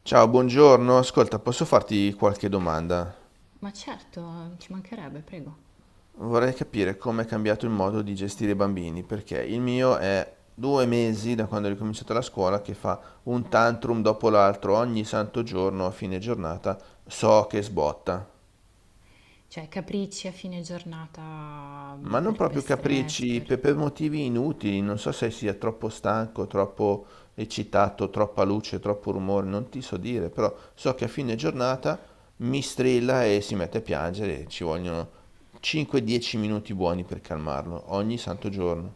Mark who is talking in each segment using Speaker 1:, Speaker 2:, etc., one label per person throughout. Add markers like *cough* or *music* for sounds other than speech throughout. Speaker 1: Ciao, buongiorno. Ascolta, posso farti qualche domanda?
Speaker 2: Ma certo, ci mancherebbe, prego.
Speaker 1: Vorrei capire come è cambiato il modo di gestire i bambini, perché il mio è due mesi da quando è ricominciata la scuola che fa un tantrum dopo l'altro, ogni santo giorno, a fine giornata, so che sbotta.
Speaker 2: Cioè, capricci a fine giornata
Speaker 1: Ma non
Speaker 2: per
Speaker 1: proprio
Speaker 2: stress,
Speaker 1: capricci,
Speaker 2: per...
Speaker 1: per, motivi inutili, non so se sia troppo stanco, troppo eccitato, troppa luce, troppo rumore, non ti so dire, però so che a fine giornata mi strilla e si mette a piangere, ci vogliono 5-10 minuti buoni per calmarlo, ogni santo giorno.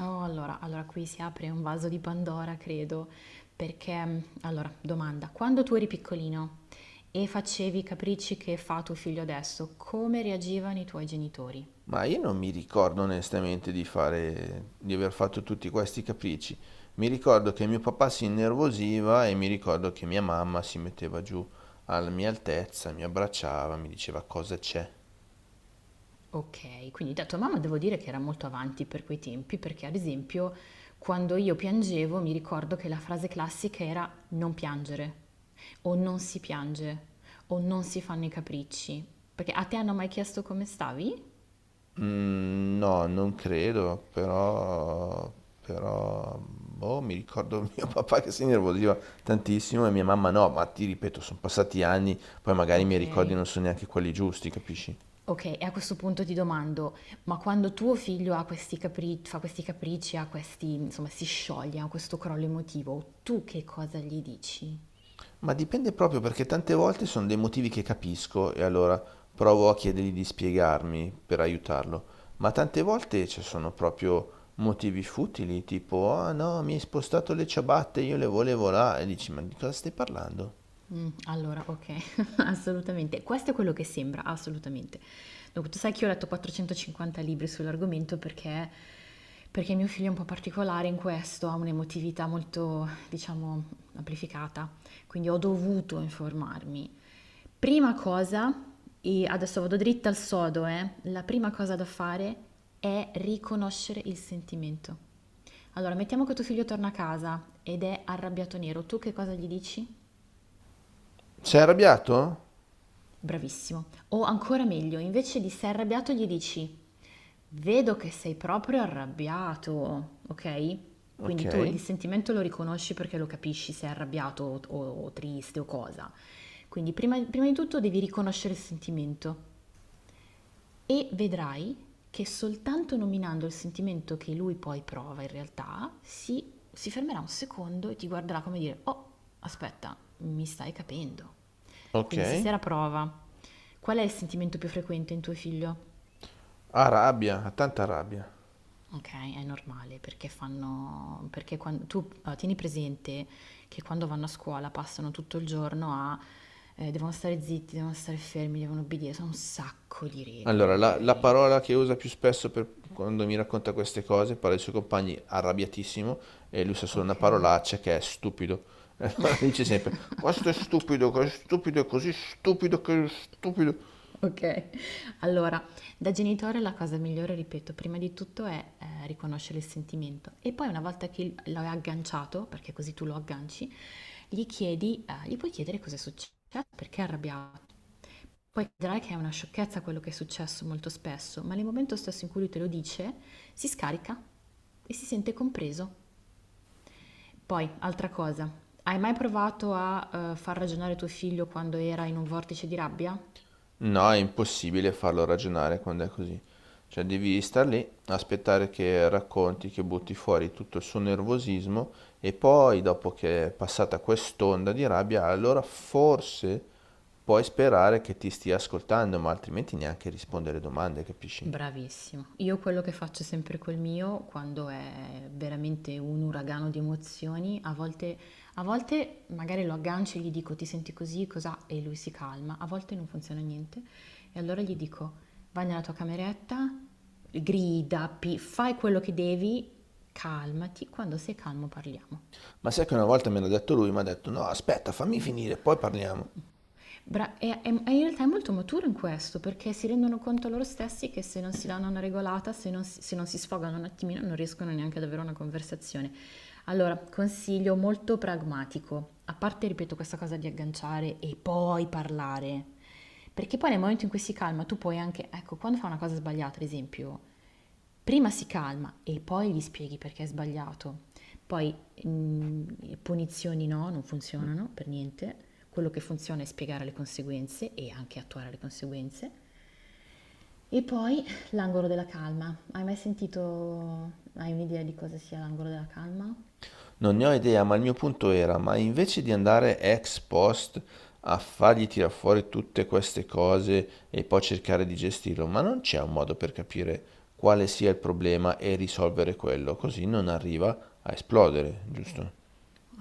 Speaker 2: Oh, allora qui si apre un vaso di Pandora, credo, perché, allora, domanda, quando tu eri piccolino e facevi i capricci che fa tuo figlio adesso, come reagivano i tuoi genitori?
Speaker 1: Ma io non mi ricordo onestamente di fare, di aver fatto tutti questi capricci. Mi ricordo che mio papà si innervosiva e mi ricordo che mia mamma si metteva giù alla mia altezza, mi abbracciava, mi diceva cosa c'è.
Speaker 2: Okay, quindi da tua mamma devo dire che era molto avanti per quei tempi, perché ad esempio quando io piangevo mi ricordo che la frase classica era non piangere o non si piange o non si fanno i capricci. Perché a te hanno mai chiesto come stavi?
Speaker 1: Mm, no, non credo, boh, mi ricordo *laughs* mio papà che si innervosiva tantissimo e mia mamma no, ma ti ripeto, sono passati anni, poi magari i miei ricordi
Speaker 2: Okay.
Speaker 1: non sono neanche quelli giusti, capisci?
Speaker 2: Okay, e a questo punto ti domando, ma quando tuo figlio ha fa questi capricci, ha questi, insomma, si scioglie, ha questo crollo emotivo, tu che cosa gli dici?
Speaker 1: Ma dipende proprio perché tante volte sono dei motivi che capisco e allora provo a chiedergli di spiegarmi per aiutarlo, ma tante volte ci sono proprio motivi futili, tipo ah no, mi hai spostato le ciabatte, io le volevo là e dici ma di cosa stai parlando?
Speaker 2: Allora okay, *laughs* assolutamente. Questo è quello che sembra, assolutamente. Dunque, tu sai che io ho letto 450 libri sull'argomento perché mio figlio è un po' particolare in questo, ha un'emotività molto, diciamo, amplificata, quindi ho dovuto informarmi. Prima cosa, e adesso vado dritta al sodo, la prima cosa da fare è riconoscere il sentimento. Allora, mettiamo che tuo figlio torna a casa ed è arrabbiato nero, tu che cosa gli dici?
Speaker 1: Sei arrabbiato?
Speaker 2: Bravissimo. O ancora meglio, invece di sei arrabbiato gli dici: "Vedo che sei proprio arrabbiato", ok?
Speaker 1: Ok,
Speaker 2: Quindi tu il sentimento lo riconosci perché lo capisci se è arrabbiato o triste o cosa. Quindi prima di tutto devi riconoscere il sentimento. E vedrai che soltanto nominando il sentimento che lui poi prova in realtà, si fermerà un secondo e ti guarderà come dire, oh, aspetta, mi stai capendo.
Speaker 1: ok.
Speaker 2: Quindi stasera prova. Qual è il sentimento più frequente in tuo figlio?
Speaker 1: Ha rabbia, ha tanta rabbia.
Speaker 2: Ok, è normale perché fanno, perché quando, tu tieni presente che quando vanno a scuola passano tutto il giorno a, devono stare zitti, devono stare fermi, devono obbedire, sono un sacco di regole,
Speaker 1: Allora, la
Speaker 2: ok?
Speaker 1: parola che usa più spesso quando mi racconta queste cose, parla dei suoi compagni arrabbiatissimo e lui usa solo una
Speaker 2: Ok.
Speaker 1: parolaccia che è stupido. *laughs* E allora dice sempre, questo è stupido, è così stupido che è stupido.
Speaker 2: Okay. Allora, da genitore la cosa migliore, ripeto, prima di tutto è, riconoscere il sentimento e poi una volta che il l'hai agganciato, perché così tu lo agganci, gli chiedi gli puoi chiedere cos'è successo, perché è arrabbiato. Poi vedrai che è una sciocchezza quello che è successo molto spesso, ma nel momento stesso in cui lui te lo dice, si scarica e si sente compreso. Poi, altra cosa, hai mai provato a, far ragionare tuo figlio quando era in un vortice di rabbia?
Speaker 1: No, è impossibile farlo ragionare quando è così. Cioè, devi star lì, aspettare che racconti, che butti fuori tutto il suo nervosismo e poi, dopo che è passata quest'onda di rabbia, allora forse puoi sperare che ti stia ascoltando, ma altrimenti neanche rispondere domande, capisci?
Speaker 2: Bravissimo. Io quello che faccio sempre col mio, quando è veramente un uragano di emozioni, a volte magari lo aggancio e gli dico ti senti così, cos'ha? E lui si calma, a volte non funziona niente. E allora gli dico vai nella tua cameretta, grida, fai quello che devi, calmati, quando sei calmo parliamo.
Speaker 1: Ma sai che una volta me l'ha detto lui, mi ha detto no, aspetta, fammi finire, poi parliamo.
Speaker 2: E in realtà è molto maturo in questo, perché si rendono conto loro stessi che se non si danno una regolata, se non si sfogano un attimino, non riescono neanche ad avere una conversazione. Allora, consiglio molto pragmatico, a parte, ripeto, questa cosa di agganciare e poi parlare, perché poi nel momento in cui si calma, tu puoi anche, ecco, quando fa una cosa sbagliata, ad esempio, prima si calma e poi gli spieghi perché è sbagliato. Poi punizioni no, non funzionano per niente. Quello che funziona è spiegare le conseguenze e anche attuare le conseguenze. E poi l'angolo della calma. Hai mai sentito, hai un'idea di cosa sia l'angolo della calma?
Speaker 1: Non ne ho idea, ma il mio punto era, ma invece di andare ex post a fargli tirar fuori tutte queste cose e poi cercare di gestirlo, ma non c'è un modo per capire quale sia il problema e risolvere quello, così non arriva a esplodere, giusto?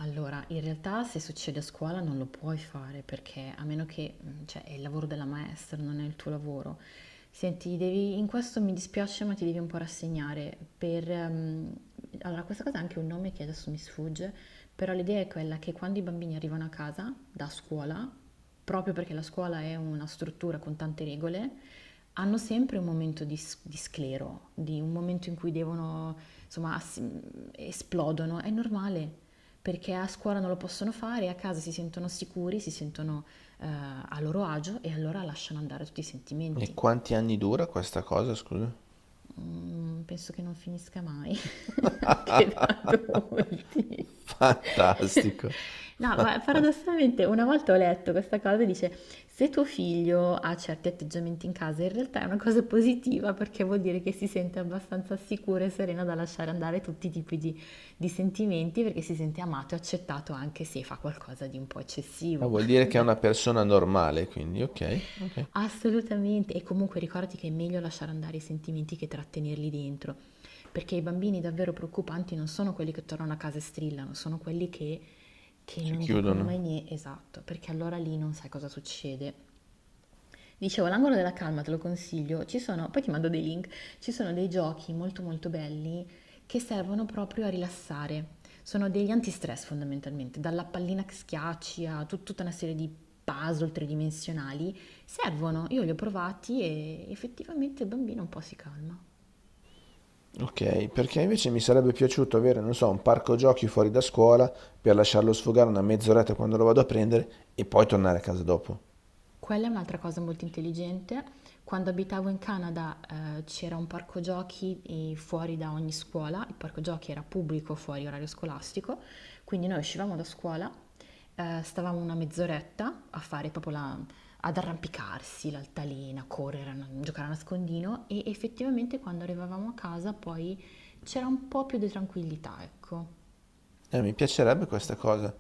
Speaker 2: Allora, in realtà se succede a scuola non lo puoi fare perché a meno che, cioè, è il lavoro della maestra, non è il tuo lavoro. Senti, devi, in questo mi dispiace, ma ti devi un po' rassegnare. Per, allora, questa cosa ha anche un nome che adesso mi sfugge, però l'idea è quella che quando i bambini arrivano a casa da scuola, proprio perché la scuola è una struttura con tante regole, hanno sempre un momento di, di sclero, di un momento in cui devono, insomma, esplodono. È normale, perché a scuola non lo possono fare, a casa si sentono sicuri, si sentono a loro agio e allora lasciano andare tutti i
Speaker 1: E
Speaker 2: sentimenti.
Speaker 1: quanti anni dura questa cosa, scusa?
Speaker 2: Mm, penso che non finisca mai, *laughs* anche da adulti.
Speaker 1: *laughs*
Speaker 2: *laughs*
Speaker 1: Fantastico.
Speaker 2: No, ma paradossalmente una volta ho letto questa cosa e dice, se tuo figlio ha certi atteggiamenti in casa, in realtà è una cosa positiva perché vuol dire che si sente abbastanza sicura e serena da lasciare andare tutti i tipi di sentimenti perché si sente amato e accettato anche se fa qualcosa di un po' eccessivo.
Speaker 1: Ah,
Speaker 2: *laughs*
Speaker 1: vuol dire
Speaker 2: Ho
Speaker 1: che è una
Speaker 2: detto,
Speaker 1: persona normale, quindi ok, ok.
Speaker 2: assolutamente, e comunque ricordati che è meglio lasciare andare i sentimenti che trattenerli dentro, perché i bambini davvero preoccupanti non sono quelli che tornano a casa e strillano, sono quelli che
Speaker 1: Si
Speaker 2: non dicono mai
Speaker 1: chiudono.
Speaker 2: niente, esatto, perché allora lì non sai cosa succede. Dicevo, l'angolo della calma te lo consiglio, ci sono, poi ti mando dei link, ci sono dei giochi molto molto belli che servono proprio a rilassare. Sono degli antistress fondamentalmente, dalla pallina che schiacci a tutta una serie di puzzle tridimensionali, servono, io li ho provati e effettivamente il bambino un po' si calma.
Speaker 1: Ok, perché invece mi sarebbe piaciuto avere, non so, un parco giochi fuori da scuola per lasciarlo sfogare una mezz'oretta quando lo vado a prendere e poi tornare a casa dopo.
Speaker 2: Quella è un'altra cosa molto intelligente. Quando abitavo in Canada, c'era un parco giochi fuori da ogni scuola, il parco giochi era pubblico fuori orario scolastico, quindi noi uscivamo da scuola, stavamo una mezz'oretta a fare proprio la, ad arrampicarsi, l'altalena, correre, giocare a nascondino e effettivamente quando arrivavamo a casa poi c'era un po' più di tranquillità, ecco.
Speaker 1: Mi piacerebbe questa cosa.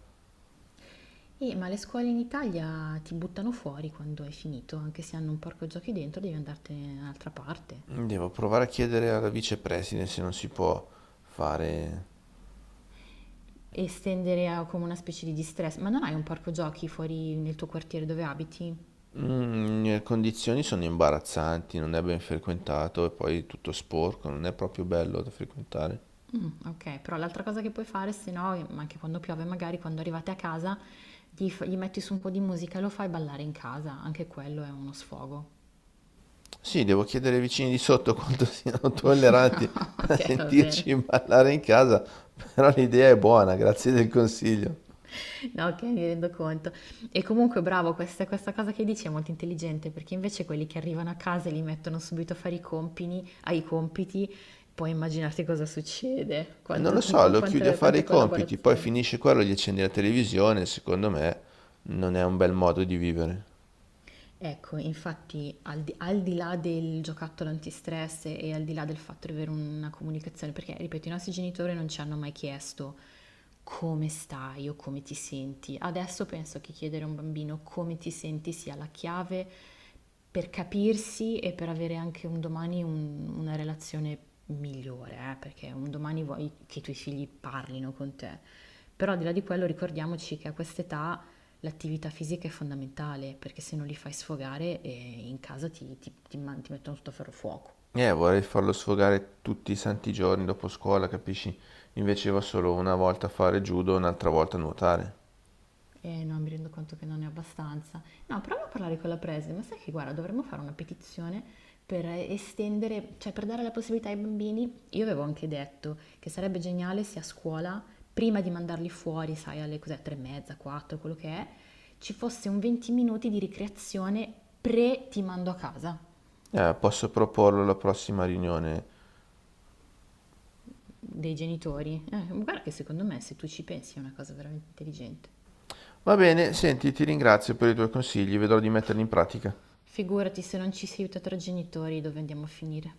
Speaker 2: Ma le scuole in Italia ti buttano fuori quando hai finito, anche se hanno un parco giochi dentro, devi andartene in un'altra parte.
Speaker 1: Devo provare a chiedere alla vicepresidente se non si può fare.
Speaker 2: E estendere come una specie di distress. Ma non hai un parco giochi fuori nel tuo quartiere dove abiti?
Speaker 1: Mm, le condizioni sono imbarazzanti, non è ben frequentato e poi è tutto sporco, non è proprio bello da frequentare.
Speaker 2: Mm, ok, però l'altra cosa che puoi fare, se no, ma anche quando piove, magari quando arrivate a casa, gli metti su un po' di musica e lo fai ballare in casa, anche quello è uno sfogo.
Speaker 1: Sì, devo chiedere ai vicini di sotto quanto siano tolleranti
Speaker 2: *laughs*
Speaker 1: a
Speaker 2: Ok, va bene.
Speaker 1: sentirci ballare in casa, però l'idea è buona, grazie del consiglio.
Speaker 2: *laughs* No, ok, mi rendo conto. E comunque, bravo, questa cosa che dici è molto intelligente perché invece quelli che arrivano a casa e li mettono subito a fare i compiti, ai compiti, puoi immaginarti cosa succede,
Speaker 1: E non lo
Speaker 2: quanto
Speaker 1: so,
Speaker 2: tipo,
Speaker 1: lo chiudi a
Speaker 2: quanta
Speaker 1: fare i
Speaker 2: quanta
Speaker 1: compiti, poi
Speaker 2: collaborazione.
Speaker 1: finisce quello, e gli accendi la televisione, secondo me non è un bel modo di vivere.
Speaker 2: Ecco, infatti al di là del giocattolo antistress e al di là del fatto di avere una comunicazione, perché ripeto, i nostri genitori non ci hanno mai chiesto come stai o come ti senti. Adesso penso che chiedere a un bambino come ti senti sia la chiave per capirsi e per avere anche un domani una relazione migliore, perché un domani vuoi che i tuoi figli parlino con te. Però al di là di quello ricordiamoci che a quest'età l'attività fisica è fondamentale perché se non li fai sfogare in casa ti mettono sotto ferro fuoco.
Speaker 1: Vorrei farlo sfogare tutti i santi giorni dopo scuola, capisci? Invece va solo una volta a fare judo, e un'altra volta a nuotare.
Speaker 2: E no, mi rendo conto che non ne ho abbastanza. No, proviamo a parlare con la preside, ma sai che guarda, dovremmo fare una petizione per estendere, cioè per dare la possibilità ai bambini. Io avevo anche detto che sarebbe geniale se a scuola, prima di mandarli fuori, sai, alle cos'è, tre e mezza, quattro, quello che è, ci fosse un 20 minuti di ricreazione pre ti mando a casa.
Speaker 1: Posso proporlo alla prossima riunione.
Speaker 2: Dei genitori. Guarda che secondo me se tu ci pensi è una cosa veramente intelligente.
Speaker 1: Va bene, senti, ti ringrazio per i tuoi consigli, vedrò di metterli in pratica.
Speaker 2: Figurati se non ci si aiuta tra genitori dove andiamo a finire.